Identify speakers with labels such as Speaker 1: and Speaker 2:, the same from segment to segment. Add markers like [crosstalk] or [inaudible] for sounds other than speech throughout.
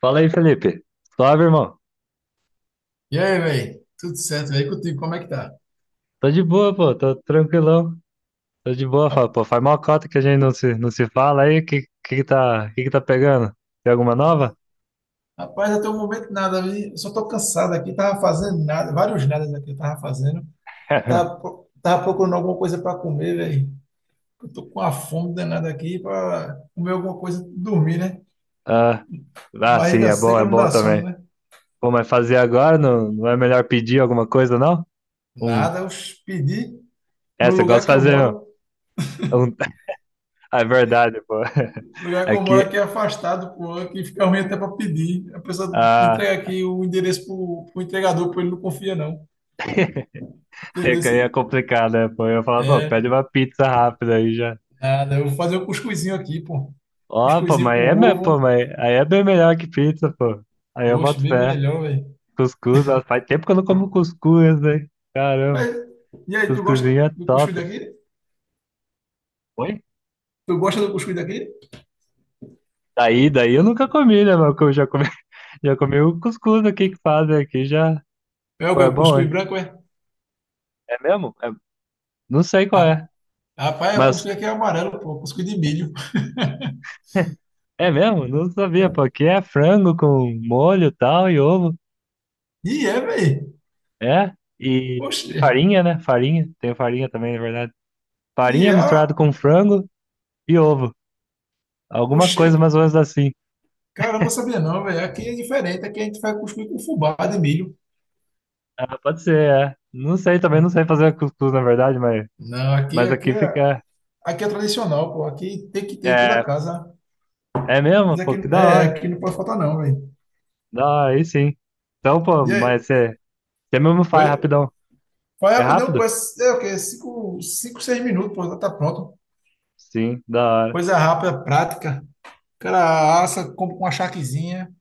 Speaker 1: Fala aí, Felipe. Suave, irmão.
Speaker 2: E aí, velho? Tudo certo, velho? Contigo, como é que tá?
Speaker 1: Tô de boa, pô. Tô tranquilão. Tô de boa.
Speaker 2: Ra-
Speaker 1: Pô, faz mó cota que a gente não se fala aí. Que tá pegando? Tem alguma
Speaker 2: ra-
Speaker 1: nova?
Speaker 2: Rapaz, até o momento nada, vi. Eu só tô cansado aqui, tava fazendo nada, vários nadas aqui eu tava fazendo. Tava,
Speaker 1: [laughs]
Speaker 2: pro- tava procurando alguma coisa para comer, velho. Eu tô com uma fome danada aqui para comer alguma coisa, e dormir, né?
Speaker 1: Ah, ah, sim,
Speaker 2: Barriga
Speaker 1: é
Speaker 2: seca não
Speaker 1: bom
Speaker 2: dá sono,
Speaker 1: também.
Speaker 2: né?
Speaker 1: Pô, mas fazer agora não, não é melhor pedir alguma coisa, não? Um.
Speaker 2: Nada, eu pedi
Speaker 1: É,
Speaker 2: no
Speaker 1: você gosta
Speaker 2: lugar que
Speaker 1: de
Speaker 2: eu
Speaker 1: fazer
Speaker 2: moro.
Speaker 1: um. um- [laughs] É verdade, pô. [laughs]
Speaker 2: O lugar que eu moro
Speaker 1: Aqui.
Speaker 2: aqui é afastado, pô, aqui fica ruim até para pedir. A pessoa
Speaker 1: Ah,
Speaker 2: entrega aqui o endereço pro entregador, pô, ele não confia não.
Speaker 1: [laughs] é que
Speaker 2: Entendeu?
Speaker 1: aí é complicado, né? Pô, eu ia falar, pô, pede
Speaker 2: É.
Speaker 1: uma pizza rápida aí já.
Speaker 2: Nada, eu vou fazer o cuscuzinho aqui, pô.
Speaker 1: Ó, pô,
Speaker 2: Cuscuzinho
Speaker 1: mas
Speaker 2: com
Speaker 1: pô,
Speaker 2: ovo.
Speaker 1: mas aí é bem melhor que pizza, pô. Aí eu
Speaker 2: Oxe,
Speaker 1: boto
Speaker 2: bem
Speaker 1: fé.
Speaker 2: melhor, velho.
Speaker 1: Cuscuz, nossa, faz tempo que eu não como cuscuz, né?
Speaker 2: Mas,
Speaker 1: Caramba,
Speaker 2: e aí, tu gosta
Speaker 1: cuscuzinho é
Speaker 2: do cuscuz
Speaker 1: top.
Speaker 2: daqui?
Speaker 1: Oi?
Speaker 2: Tu gosta do cuscuz daqui?
Speaker 1: Daí eu nunca comi, né, meu? Eu já comi, [laughs] já comi o cuscuz aqui que fazem aqui, já.
Speaker 2: É o
Speaker 1: Pô,
Speaker 2: quê?
Speaker 1: é
Speaker 2: O
Speaker 1: bom,
Speaker 2: cuscuz
Speaker 1: hein?
Speaker 2: branco, é?
Speaker 1: É mesmo? Não sei qual
Speaker 2: Ah,
Speaker 1: é,
Speaker 2: rapaz, o
Speaker 1: mas
Speaker 2: cuscuz aqui é amarelo, pô. Cuscuz de milho.
Speaker 1: é mesmo? Não sabia, pô. Aqui é frango com molho e tal e ovo.
Speaker 2: E é, velho.
Speaker 1: É? E
Speaker 2: Oxe.
Speaker 1: farinha, né? Farinha. Tem farinha também, na verdade.
Speaker 2: E
Speaker 1: Farinha
Speaker 2: é.
Speaker 1: misturada com frango e ovo. Alguma
Speaker 2: Oxe.
Speaker 1: coisa mais ou menos assim.
Speaker 2: Caramba, eu sabia não, velho. Aqui é diferente. Aqui a gente faz cuscuz com fubá de milho.
Speaker 1: Ah, pode ser, é. Não sei também, não sei fazer cuscuz, na verdade, mas,
Speaker 2: Não, aqui,
Speaker 1: mas
Speaker 2: aqui
Speaker 1: aqui
Speaker 2: é,
Speaker 1: fica.
Speaker 2: aqui é tradicional, pô. Aqui tem que ter em toda
Speaker 1: É,
Speaker 2: casa.
Speaker 1: é
Speaker 2: Mas
Speaker 1: mesmo?
Speaker 2: aqui,
Speaker 1: Pô, que da
Speaker 2: é,
Speaker 1: hora.
Speaker 2: aqui não pode faltar não, velho.
Speaker 1: Da hora, aí sim. Então, pô,
Speaker 2: E aí?
Speaker 1: mas você mesmo faz
Speaker 2: Oi?
Speaker 1: rapidão.
Speaker 2: Foi
Speaker 1: É
Speaker 2: rapidão, pô. É,
Speaker 1: rápido?
Speaker 2: é o quê? Cinco, 6 minutos, pô, já tá pronto.
Speaker 1: Sim, da hora.
Speaker 2: Coisa rápida, prática. O cara assa, compra uma charquezinha.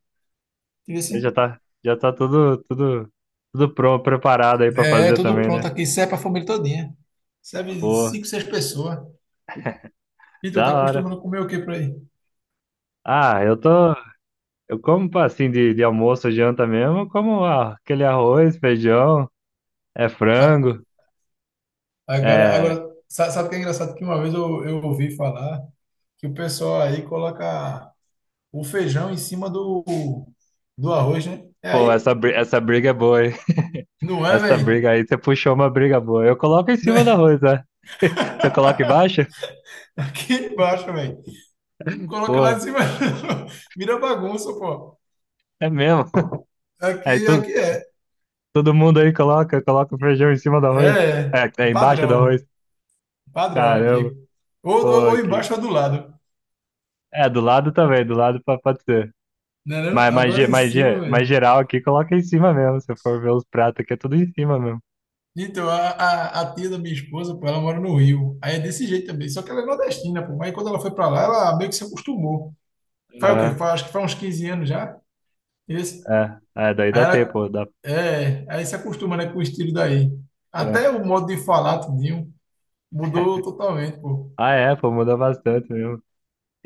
Speaker 2: Entendeu
Speaker 1: Aí Já
Speaker 2: assim?
Speaker 1: tá, já tá tudo pronto, preparado aí pra
Speaker 2: É, é
Speaker 1: fazer
Speaker 2: tudo
Speaker 1: também, né?
Speaker 2: pronto aqui. Serve pra família todinha. Serve
Speaker 1: Boa,
Speaker 2: cinco, seis pessoas. E tu
Speaker 1: da
Speaker 2: tá
Speaker 1: hora.
Speaker 2: acostumando a comer o quê por aí?
Speaker 1: Ah, eu tô. Eu como pô, assim de almoço, janta mesmo, eu como aquele arroz, feijão, é
Speaker 2: A-
Speaker 1: frango. É.
Speaker 2: Sabe o que é engraçado? Que uma vez eu ouvi falar que o pessoal aí coloca o feijão em cima do arroz, né? É
Speaker 1: Pô,
Speaker 2: aí?
Speaker 1: essa briga é boa, hein? [laughs]
Speaker 2: Não
Speaker 1: Essa
Speaker 2: é,
Speaker 1: briga aí, você puxou uma briga boa. Eu coloco em cima da
Speaker 2: velho?
Speaker 1: arroz, né? [laughs] Você coloca
Speaker 2: [laughs]
Speaker 1: embaixo?
Speaker 2: Aqui embaixo, velho. Coloca lá
Speaker 1: Pô,
Speaker 2: em cima. [laughs] Vira bagunça, pô.
Speaker 1: é mesmo. [laughs] Aí
Speaker 2: Aqui,
Speaker 1: todo,
Speaker 2: aqui é.
Speaker 1: todo mundo aí coloca o feijão em cima do arroz.
Speaker 2: É,
Speaker 1: É,
Speaker 2: é
Speaker 1: é embaixo do arroz.
Speaker 2: padrão. Padrão
Speaker 1: Caramba,
Speaker 2: aqui. Ou,
Speaker 1: pô,
Speaker 2: ou, ou
Speaker 1: aqui.
Speaker 2: embaixo ou do lado.
Speaker 1: É, do lado também, do lado pode ser.
Speaker 2: Né, não?
Speaker 1: Mas, mas,
Speaker 2: Agora
Speaker 1: ge-
Speaker 2: em
Speaker 1: mas,
Speaker 2: cima,
Speaker 1: ge- mas
Speaker 2: velho.
Speaker 1: geral aqui, coloca em cima mesmo. Se for ver os pratos aqui, é tudo em cima mesmo.
Speaker 2: Então, a tia da minha esposa, pô, ela mora no Rio. Aí é desse jeito também. Só que ela é nordestina, pô. Mas quando ela foi pra lá, ela meio que se acostumou. Faz o quê?
Speaker 1: Aham,
Speaker 2: Faz, acho que faz uns 15 anos já. Esse.
Speaker 1: é, daí
Speaker 2: Aí
Speaker 1: dá
Speaker 2: ela.
Speaker 1: tempo. Dá,
Speaker 2: É, aí se acostuma, né, com o estilo daí. Até
Speaker 1: é.
Speaker 2: o modo de falar, tudinho, mudou totalmente, pô.
Speaker 1: Ah, é, pô, muda bastante mesmo.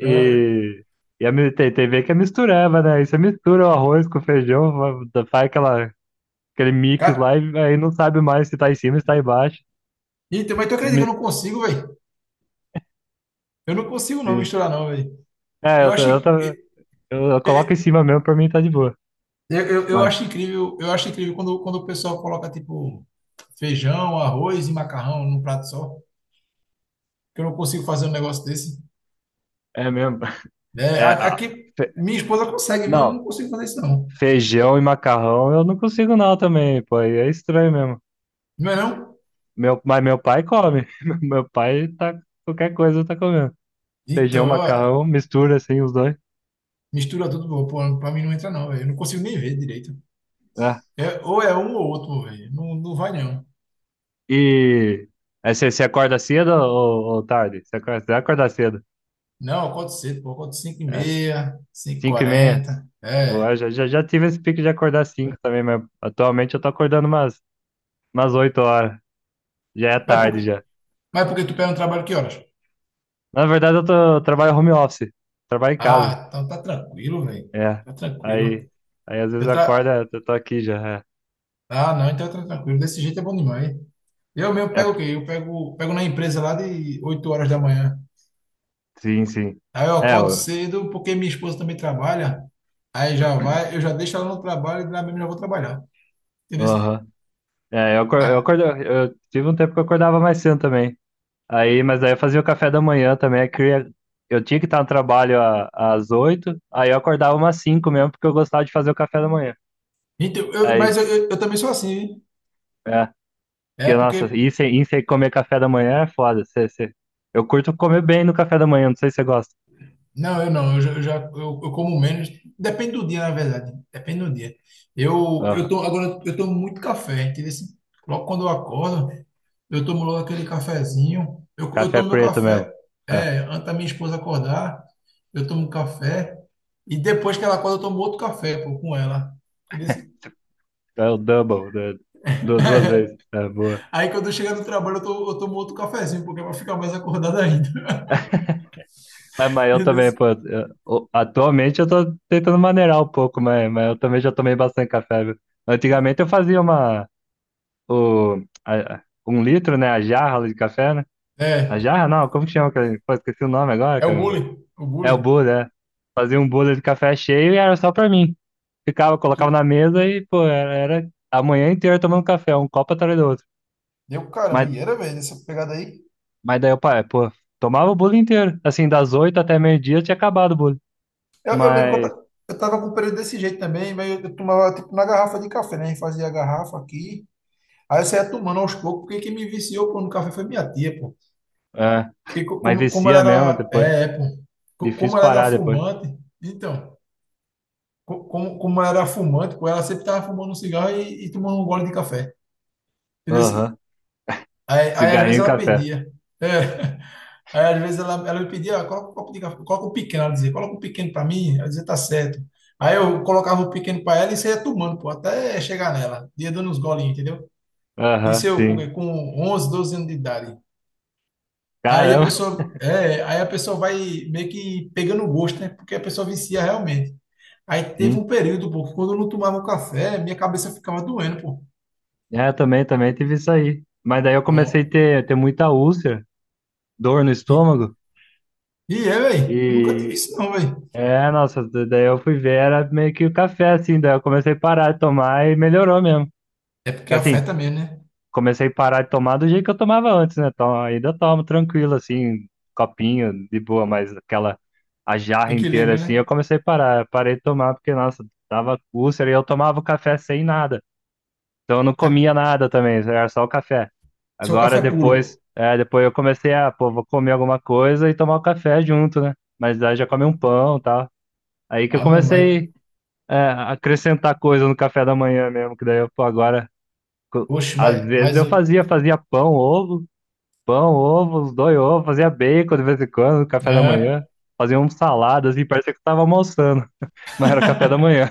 Speaker 2: É,
Speaker 1: e tem ver que é misturava, né? Aí você mistura o arroz com o feijão, faz aquele mix lá
Speaker 2: ca-
Speaker 1: e aí não sabe mais se tá em cima, se tá embaixo.
Speaker 2: Então, mas tu
Speaker 1: Se
Speaker 2: acredita que
Speaker 1: me-
Speaker 2: eu não consigo, velho? Eu não consigo não
Speaker 1: se-
Speaker 2: misturar não, velho.
Speaker 1: É,
Speaker 2: Eu
Speaker 1: eu, tô-
Speaker 2: acho,
Speaker 1: eu, tô- eu coloco
Speaker 2: eu,
Speaker 1: em cima mesmo, pra mim tá de boa.
Speaker 2: eu
Speaker 1: Mas
Speaker 2: acho incrível, eu acho incrível quando, quando o pessoal coloca tipo feijão, arroz e macarrão num prato só. Que eu não consigo fazer um negócio desse.
Speaker 1: é mesmo. [laughs]
Speaker 2: É,
Speaker 1: É,
Speaker 2: aqui
Speaker 1: fe-
Speaker 2: minha esposa consegue, viu? Eu
Speaker 1: não,
Speaker 2: não consigo fazer isso não.
Speaker 1: feijão e macarrão eu não consigo não também, pô. Aí é estranho mesmo.
Speaker 2: Não é não?
Speaker 1: Meu, mas meu pai come. [laughs] Meu pai tá, qualquer coisa tá comendo. Feijão,
Speaker 2: Então, ó,
Speaker 1: macarrão, mistura assim os dois.
Speaker 2: mistura tudo, pô, pra mim não entra não, velho. Eu não consigo nem ver direito.
Speaker 1: É.
Speaker 2: É, ou é um ou outro, velho. Não, não vai não.
Speaker 1: E aí você acorda cedo ou tarde? Você acorda cedo.
Speaker 2: Não, eu acordo cedo, pô. Eu acordo cinco h
Speaker 1: É,
Speaker 2: 30
Speaker 1: 5h30.
Speaker 2: 5h40.
Speaker 1: Boa,
Speaker 2: É.
Speaker 1: já tive esse pique de acordar cinco também, mas atualmente eu tô acordando umas oito horas. Já é
Speaker 2: Mas por,
Speaker 1: tarde já.
Speaker 2: Mas porque tu pega um trabalho que horas?
Speaker 1: Na verdade, eu trabalho home office. Trabalho em casa.
Speaker 2: Ah, então tá tranquilo, velho.
Speaker 1: É.
Speaker 2: Tá
Speaker 1: Aí,
Speaker 2: tranquilo.
Speaker 1: aí às vezes
Speaker 2: Eu tra...
Speaker 1: acorda, eu tô aqui já.
Speaker 2: Ah, não, então tá tranquilo. Desse jeito é bom demais. Eu mesmo
Speaker 1: É,
Speaker 2: pego o quê? Pego na empresa lá de 8 horas da manhã.
Speaker 1: sim, sim.
Speaker 2: Aí eu
Speaker 1: É,
Speaker 2: acordo
Speaker 1: eu,
Speaker 2: cedo porque minha esposa também trabalha. Aí já
Speaker 1: [clears throat]
Speaker 2: vai, eu já deixo ela no trabalho e lá mesmo já vou trabalhar. Entendeu?
Speaker 1: Aham. É, eu, acor- eu,
Speaker 2: Ah,
Speaker 1: acordo, eu tive um tempo que eu acordava mais cedo também. Aí, mas aí eu fazia o café da manhã também. Eu tinha que estar no trabalho às 8, aí eu acordava umas 5 mesmo, porque eu gostava de fazer o café da manhã.
Speaker 2: então,
Speaker 1: Aí,
Speaker 2: mas eu, eu também sou assim, hein?
Speaker 1: é,
Speaker 2: É
Speaker 1: porque,
Speaker 2: porque
Speaker 1: nossa, ir sem comer café da manhã é foda. Eu curto comer bem no café da manhã, não sei se você gosta.
Speaker 2: não, eu não. Eu como menos. Depende do dia, na verdade. Depende do dia.
Speaker 1: Aham.
Speaker 2: Agora eu tomo muito café. Entendeu? Assim, logo quando eu acordo, eu tomo logo aquele cafezinho. Eu
Speaker 1: Café
Speaker 2: tomo meu
Speaker 1: preto mesmo.
Speaker 2: café.
Speaker 1: É,
Speaker 2: É, antes da minha esposa acordar, eu tomo café. E depois que ela acorda, eu tomo outro café, pô, com ela. Entendeu assim?
Speaker 1: é o double, né? Duas vezes. É,
Speaker 2: [laughs]
Speaker 1: boa.
Speaker 2: Aí quando eu chegar no trabalho, eu tomo outro cafezinho, porque vai ficar mais acordado ainda. [laughs]
Speaker 1: Mas eu
Speaker 2: Entendeu
Speaker 1: também,
Speaker 2: assim?
Speaker 1: pô, atualmente eu tô tentando maneirar um pouco, mas eu também já tomei bastante café, viu? Antigamente eu fazia uma. O, a- um litro, né? A jarra de café, né? A
Speaker 2: É,
Speaker 1: jarra não, como que chama? Pô, esqueci o nome agora,
Speaker 2: é o
Speaker 1: caramba.
Speaker 2: bullying. O
Speaker 1: É o
Speaker 2: bullying.
Speaker 1: bolha, é. Fazia um bolha de café cheio e era só pra mim. Ficava, colocava na mesa e, pô, era a manhã inteira tomando café, um copo atrás do outro.
Speaker 2: Deu caramba,
Speaker 1: Mas,
Speaker 2: e era, velho, essa pegada aí.
Speaker 1: mas daí o pai, pô, tomava o bolo inteiro. Assim, das 8 até meio-dia tinha acabado o bolo.
Speaker 2: Eu lembro que
Speaker 1: Mas,
Speaker 2: eu tava com um período desse jeito também, mas eu tomava tipo na garrafa de café, né? A gente fazia a garrafa aqui, aí eu saía tomando aos poucos, porque quem me viciou pô, no café foi minha tia, pô.
Speaker 1: é,
Speaker 2: Porque
Speaker 1: mas
Speaker 2: como ela
Speaker 1: vicia mesmo
Speaker 2: era.
Speaker 1: depois.
Speaker 2: É, é, pô. Como
Speaker 1: Difícil
Speaker 2: ela era
Speaker 1: parar depois.
Speaker 2: fumante, então, como ela era fumante, pô, ela sempre tava fumando um cigarro e tomando um gole de café. Entendeu?
Speaker 1: Aham.
Speaker 2: Aí às vezes
Speaker 1: Cigarrinho e
Speaker 2: ela
Speaker 1: café.
Speaker 2: pedia. É. Aí, às vezes, ela me pedia: "Ah, coloca o copo de café, coloca o pequeno", ela dizia, "coloca o pequeno para mim", ela dizia, "tá certo". Aí eu colocava o pequeno para ela e saía tomando, pô, até chegar nela, ia dando uns golinhos, entendeu? Isso
Speaker 1: Aham,
Speaker 2: eu com
Speaker 1: sim.
Speaker 2: com 11, 12 anos de idade. Aí a
Speaker 1: Caramba,
Speaker 2: pessoa, é, aí a pessoa vai meio que pegando o gosto, né? Porque a pessoa vicia realmente. Aí
Speaker 1: [laughs]
Speaker 2: teve
Speaker 1: sim.
Speaker 2: um período, pô, que quando eu não tomava o café, minha cabeça ficava doendo, pô.
Speaker 1: É, também tive isso aí. Mas daí eu comecei a
Speaker 2: Pronto.
Speaker 1: ter muita úlcera, dor no
Speaker 2: E,
Speaker 1: estômago.
Speaker 2: e é, velho, eu nunca tive
Speaker 1: E
Speaker 2: isso não, velho.
Speaker 1: é, nossa, daí eu fui ver, era meio que o café, assim, daí eu comecei a parar de tomar e melhorou mesmo.
Speaker 2: É porque
Speaker 1: Assim,
Speaker 2: afeta mesmo, né?
Speaker 1: comecei a parar de tomar do jeito que eu tomava antes, né? Então, ainda tomo tranquilo, assim, copinho, de boa, mas aquela, a jarra inteira,
Speaker 2: Equilíbrio,
Speaker 1: assim, eu
Speaker 2: né?
Speaker 1: comecei a parar, parei de tomar, porque, nossa, tava úlcera e eu tomava o café sem nada. Então eu não
Speaker 2: Tá,
Speaker 1: comia nada também, era só o café.
Speaker 2: só
Speaker 1: Agora
Speaker 2: café
Speaker 1: depois,
Speaker 2: puro.
Speaker 1: é, depois eu comecei a, pô, vou comer alguma coisa e tomar o café junto, né? Mas aí já come um pão e tal. Aí que eu
Speaker 2: Ah, meu, mas.
Speaker 1: comecei, é, a acrescentar coisa no café da manhã mesmo, que daí eu, pô, agora, co-
Speaker 2: Oxe,
Speaker 1: às vezes eu fazia pão, ovo, os dois ovos, fazia bacon de vez em quando no café da
Speaker 2: é,
Speaker 1: manhã. Fazia um salada, assim, parecia que eu tava almoçando, [laughs] mas era café da manhã.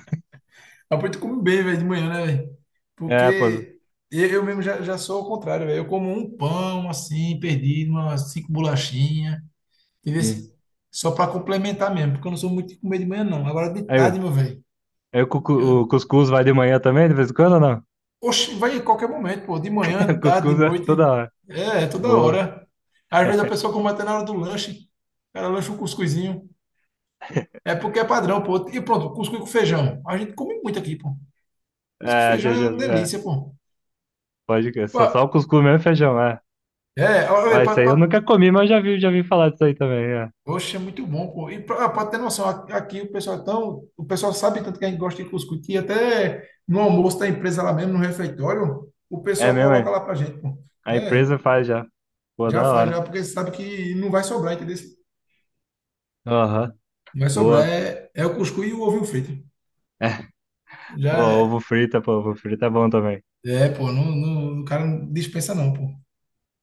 Speaker 2: apoio tu come bem, velho, de manhã, né, velho?
Speaker 1: É, pô,
Speaker 2: Porque eu mesmo já, já sou ao contrário, velho. Eu como um pão, assim, perdido, umas cinco bolachinhas, entendeu?
Speaker 1: sim.
Speaker 2: Só pra complementar mesmo, porque eu não sou muito de comer de manhã, não. Agora de
Speaker 1: Aí,
Speaker 2: tarde, meu velho.
Speaker 1: aí o
Speaker 2: eu-
Speaker 1: cuscuz vai de manhã também, de vez em quando ou não?
Speaker 2: Oxe, vai em qualquer momento, pô. De manhã,
Speaker 1: [laughs]
Speaker 2: tarde, de
Speaker 1: Cuscuz é toda
Speaker 2: noite.
Speaker 1: hora.
Speaker 2: É, é toda
Speaker 1: Boa.
Speaker 2: hora. Às vezes a pessoa come até na hora do lanche. O cara lancha um cuscuzinho. É porque é padrão, pô. E pronto, cuscuz com feijão. A gente come muito aqui, pô. Música de
Speaker 1: É,
Speaker 2: feijão
Speaker 1: já,
Speaker 2: é uma
Speaker 1: é,
Speaker 2: delícia, pô.
Speaker 1: pode crer. Só o
Speaker 2: Pa-
Speaker 1: cuscuz mesmo e feijão, é.
Speaker 2: É,
Speaker 1: Ó,
Speaker 2: olha,
Speaker 1: isso aí eu nunca comi, mas já vi, falar disso aí também, é.
Speaker 2: oxe, é muito bom, pô. E pra, ah, pra ter noção, aqui o pessoal é tão, o pessoal sabe tanto que a gente gosta de cuscuz, que até no almoço da empresa lá mesmo, no refeitório, o
Speaker 1: É
Speaker 2: pessoal
Speaker 1: mesmo,
Speaker 2: coloca
Speaker 1: é.
Speaker 2: lá pra gente, pô.
Speaker 1: A
Speaker 2: É,
Speaker 1: empresa faz já. Pô,
Speaker 2: já
Speaker 1: da
Speaker 2: faz,
Speaker 1: hora.
Speaker 2: já, porque sabe que não vai sobrar, entendeu?
Speaker 1: Aham,
Speaker 2: Não vai sobrar,
Speaker 1: boa.
Speaker 2: é, é o cuscuz e o ovinho frito. Já
Speaker 1: Boa, ovo
Speaker 2: é,
Speaker 1: frita, pô, ovo frita é bom também.
Speaker 2: é, pô, não, não, o cara não dispensa não, pô.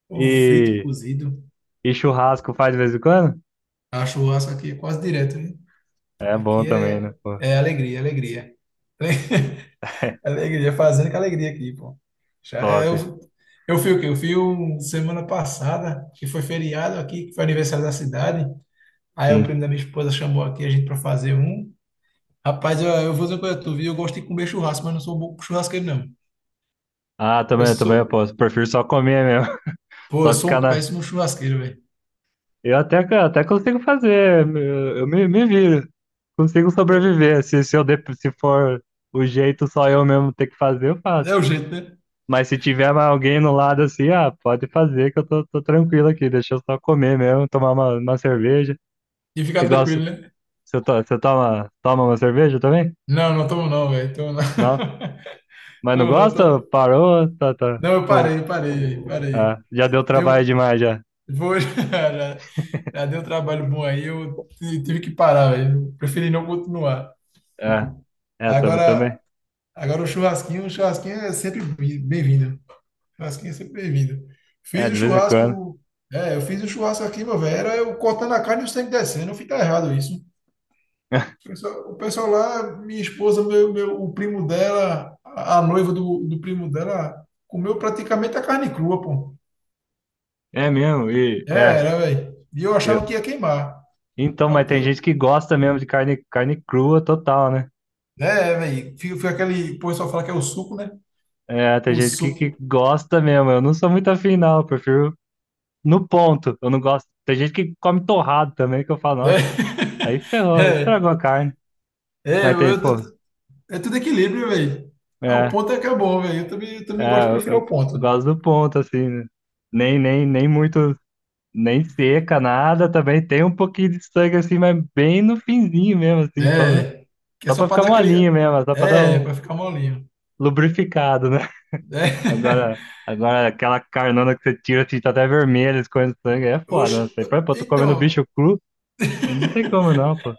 Speaker 2: Ovo frito,
Speaker 1: E,
Speaker 2: cozido,
Speaker 1: e churrasco faz de vez em quando?
Speaker 2: a churrasco aqui é quase direto, né?
Speaker 1: É bom
Speaker 2: Aqui
Speaker 1: também, né,
Speaker 2: é,
Speaker 1: pô.
Speaker 2: é alegria, alegria. [laughs]
Speaker 1: [laughs]
Speaker 2: Alegria, fazendo com alegria aqui, pô. Já, é,
Speaker 1: Top,
Speaker 2: eu fui o quê? Semana passada, que foi feriado aqui, que foi aniversário da cidade. Aí o primo
Speaker 1: sim.
Speaker 2: da minha esposa chamou aqui a gente para fazer um. Rapaz, eu vou dizer uma coisa, a tu viu? Eu gosto de comer churrasco, mas não sou bom churrasqueiro, não.
Speaker 1: Ah,
Speaker 2: Eu
Speaker 1: também eu
Speaker 2: sou,
Speaker 1: posso. Prefiro só comer mesmo. [laughs]
Speaker 2: eu
Speaker 1: Só
Speaker 2: sou
Speaker 1: ficar
Speaker 2: um
Speaker 1: na.
Speaker 2: péssimo churrasqueiro, velho.
Speaker 1: Eu até consigo fazer. Eu me viro. Consigo sobreviver. Se, eu de- se for o jeito só eu mesmo ter que fazer, eu faço.
Speaker 2: É o jeito, né?
Speaker 1: Mas se tiver mais alguém no lado assim, ah, pode fazer que eu tô tranquilo aqui. Deixa eu só comer mesmo, tomar uma cerveja.
Speaker 2: E ficar
Speaker 1: E gosto.
Speaker 2: tranquilo, né?
Speaker 1: Você toma uma cerveja também?
Speaker 2: Não, não tomo não, velho. Tomo não.
Speaker 1: Não?
Speaker 2: [laughs]
Speaker 1: Mas não
Speaker 2: Tomo não,
Speaker 1: gosta?
Speaker 2: tô...
Speaker 1: Parou? Tá, tá.
Speaker 2: Não, eu
Speaker 1: Com-
Speaker 2: parei, parei, velho, parei.
Speaker 1: já deu trabalho
Speaker 2: Eu
Speaker 1: demais já.
Speaker 2: vou, [laughs] já, já deu um trabalho bom aí, tive que parar, velho. Preferi não continuar.
Speaker 1: É, é, também,
Speaker 2: Agora,
Speaker 1: também.
Speaker 2: agora o churrasquinho é sempre bem-vindo. Churrasquinho é sempre bem-vindo.
Speaker 1: É,
Speaker 2: Fiz o
Speaker 1: de vez em quando.
Speaker 2: churrasco, é, eu fiz o churrasco aqui, meu velho, era eu cortando a carne e o sangue descendo, fica errado isso. O
Speaker 1: [laughs]
Speaker 2: pessoal, o pessoal lá, minha esposa, o primo dela, a noiva do primo dela, comeu praticamente a carne crua, pô.
Speaker 1: É mesmo, e
Speaker 2: É,
Speaker 1: é.
Speaker 2: era, velho. E eu achava
Speaker 1: Eu...
Speaker 2: que ia queimar.
Speaker 1: Então, mas tem gente que gosta mesmo de carne crua total, né?
Speaker 2: É, é, velho. Fica aquele. O pessoal fala que é o suco, né?
Speaker 1: É, tem
Speaker 2: O
Speaker 1: gente que
Speaker 2: suco.
Speaker 1: gosta mesmo. Eu não sou muito afim, não. Eu prefiro no ponto. Eu não gosto. Tem gente que come torrado também, que eu falo,
Speaker 2: É,
Speaker 1: nossa, aí
Speaker 2: [laughs]
Speaker 1: ferrou, aí estragou
Speaker 2: é,
Speaker 1: a carne.
Speaker 2: é,
Speaker 1: Mas
Speaker 2: eu-
Speaker 1: tem, pô,
Speaker 2: eu- é tudo equilíbrio, velho. É, o
Speaker 1: é,
Speaker 2: ponto é que é bom, velho. Eu também
Speaker 1: é,
Speaker 2: gosto
Speaker 1: eu,
Speaker 2: prefiro o
Speaker 1: eu-
Speaker 2: ponto.
Speaker 1: eu gosto do ponto, assim, né? Nem muito, nem seca, nada também. Tem um pouquinho de sangue, assim, mas bem no finzinho mesmo, assim, só, no,
Speaker 2: É, que é
Speaker 1: só
Speaker 2: só
Speaker 1: pra
Speaker 2: pra
Speaker 1: ficar
Speaker 2: dar aquele.
Speaker 1: molinho mesmo, só pra dar
Speaker 2: É,
Speaker 1: um
Speaker 2: pra ficar molinho.
Speaker 1: lubrificado, né?
Speaker 2: É.
Speaker 1: Agora aquela carnona que você tira, você tá até vermelha, escorrendo sangue, aí é
Speaker 2: [laughs]
Speaker 1: foda, né? Tô comendo bicho
Speaker 2: Então,
Speaker 1: cru, aí não tem como não, pô.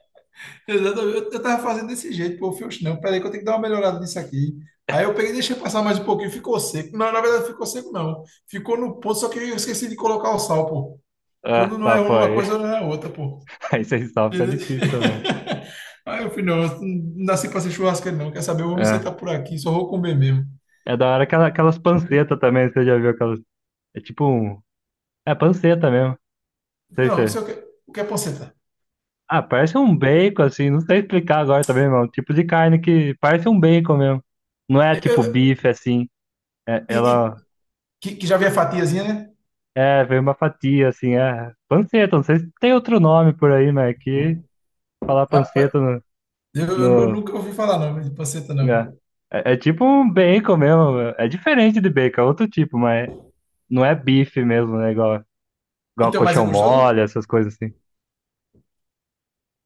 Speaker 2: exatamente, eu tava fazendo desse jeito, pô, eu falei, oxe, não, peraí que eu tenho que dar uma melhorada nisso aqui. Aí eu peguei, e deixei passar mais um pouquinho, ficou seco. Não, na verdade, ficou seco, não. Ficou no ponto, só que eu esqueci de colocar o sal, pô.
Speaker 1: É,
Speaker 2: Quando não
Speaker 1: tá,
Speaker 2: é
Speaker 1: pô,
Speaker 2: uma
Speaker 1: aí,
Speaker 2: coisa, não é outra, pô.
Speaker 1: [laughs] aí sem sal fica difícil também.
Speaker 2: [laughs] Aí eu falei, não, eu não nasci pra ser churrasqueiro, não. Quer saber? Eu vou me
Speaker 1: É,
Speaker 2: sentar por aqui, só vou comer mesmo.
Speaker 1: é da hora aquelas pancetas também, você já viu aquelas, é tipo um, é panceta mesmo, não sei
Speaker 2: Não,
Speaker 1: se,
Speaker 2: não
Speaker 1: é,
Speaker 2: sei o que. O que é panceta?
Speaker 1: ah, parece um bacon, assim, não sei explicar agora também, mano, tipo de carne que parece um bacon mesmo, não é tipo
Speaker 2: Eu,
Speaker 1: bife, assim, é,
Speaker 2: e, e-
Speaker 1: ela,
Speaker 2: que já vem a fatiazinha, né?
Speaker 1: é, vem uma fatia, assim, é, panceta, não sei se tem outro nome por aí, mas é que falar
Speaker 2: Rapaz,
Speaker 1: panceta no, no,
Speaker 2: nunca ouvi falar não, de panceta, não.
Speaker 1: né? É tipo um bacon mesmo. É diferente de bacon, é outro tipo, mas não é bife mesmo, né? Igual
Speaker 2: Então, mas é
Speaker 1: colchão
Speaker 2: gostoso?
Speaker 1: mole, essas coisas assim.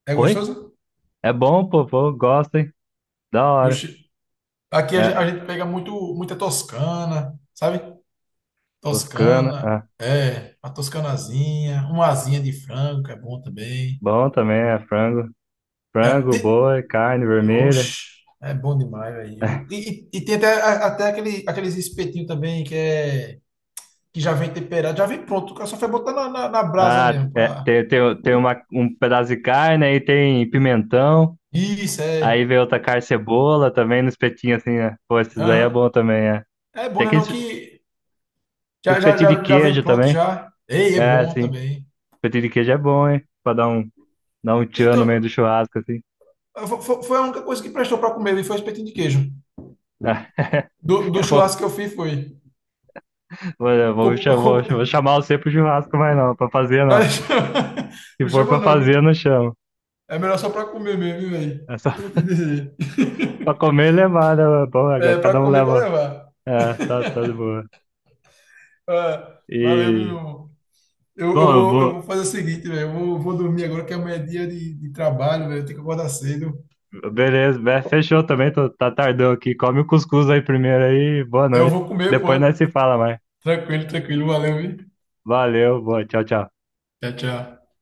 Speaker 2: É
Speaker 1: Oi?
Speaker 2: gostoso?
Speaker 1: É bom, pô, gosto, hein? Da hora.
Speaker 2: Oxi. Aqui a
Speaker 1: É,
Speaker 2: gente pega muito, muita toscana, sabe?
Speaker 1: toscana,
Speaker 2: Toscana,
Speaker 1: ah,
Speaker 2: é, uma toscanazinha, uma asinha de frango, que é bom também.
Speaker 1: bom também, é frango.
Speaker 2: É,
Speaker 1: Frango,
Speaker 2: tem-
Speaker 1: boi, carne vermelha.
Speaker 2: Oxe, é bom demais, velho.
Speaker 1: [laughs]
Speaker 2: E tem até, até aquele, aqueles espetinhos também que é que já vem temperado, já vem pronto. O cara só foi botar na, na brasa
Speaker 1: Ah,
Speaker 2: mesmo.
Speaker 1: é,
Speaker 2: Pá.
Speaker 1: tem um pedaço de carne, aí tem pimentão,
Speaker 2: Isso,
Speaker 1: aí
Speaker 2: é.
Speaker 1: vem outra carne cebola também no espetinho assim, né? Pô, esses aí é
Speaker 2: Aham.
Speaker 1: bom também, é.
Speaker 2: É bom,
Speaker 1: Tem
Speaker 2: né? Não
Speaker 1: aqueles
Speaker 2: que já,
Speaker 1: Esse
Speaker 2: já,
Speaker 1: petinho de
Speaker 2: já, já vem
Speaker 1: queijo
Speaker 2: pronto,
Speaker 1: também.
Speaker 2: já. Ei, é
Speaker 1: É,
Speaker 2: bom
Speaker 1: sim.
Speaker 2: também.
Speaker 1: Petinho de queijo é bom, hein? Pra dar um, tchan no
Speaker 2: Então,
Speaker 1: meio do churrasco, assim.
Speaker 2: foi a única coisa que prestou para comer, viu? Foi o espetinho de queijo.
Speaker 1: Ah, [laughs]
Speaker 2: Do
Speaker 1: Vou,
Speaker 2: churrasco que eu fiz foi.
Speaker 1: vou, vou,
Speaker 2: Com-
Speaker 1: chamar- vou,
Speaker 2: com-
Speaker 1: vou chamar você pro churrasco, mas não. Pra fazer, não.
Speaker 2: [laughs]
Speaker 1: Se
Speaker 2: Não
Speaker 1: for pra
Speaker 2: chama não,
Speaker 1: fazer, eu não
Speaker 2: viu?
Speaker 1: chamo.
Speaker 2: É melhor só para comer mesmo, viu, velho.
Speaker 1: É só
Speaker 2: Eu te
Speaker 1: [laughs]
Speaker 2: dizer.
Speaker 1: pra comer e levar, né? mano? Bom, é,
Speaker 2: É, para
Speaker 1: cada um
Speaker 2: comer, para
Speaker 1: leva.
Speaker 2: levar.
Speaker 1: É, tá, tá de boa.
Speaker 2: Ah, valeu, meu
Speaker 1: E.
Speaker 2: irmão.
Speaker 1: Bom, eu
Speaker 2: Eu
Speaker 1: vou.
Speaker 2: vou fazer o seguinte, velho. Vou dormir agora que amanhã é dia de trabalho, velho. Eu tenho que acordar cedo.
Speaker 1: Beleza, fechou também. Tá tardão aqui. Come o cuscuz aí primeiro aí. Boa
Speaker 2: Eu
Speaker 1: noite.
Speaker 2: vou comer, pô.
Speaker 1: Depois nós se fala mais.
Speaker 2: Tranquilo, tranquilo. Valeu, viu?
Speaker 1: Valeu, boa. Tchau, tchau.
Speaker 2: Tchau, tchau.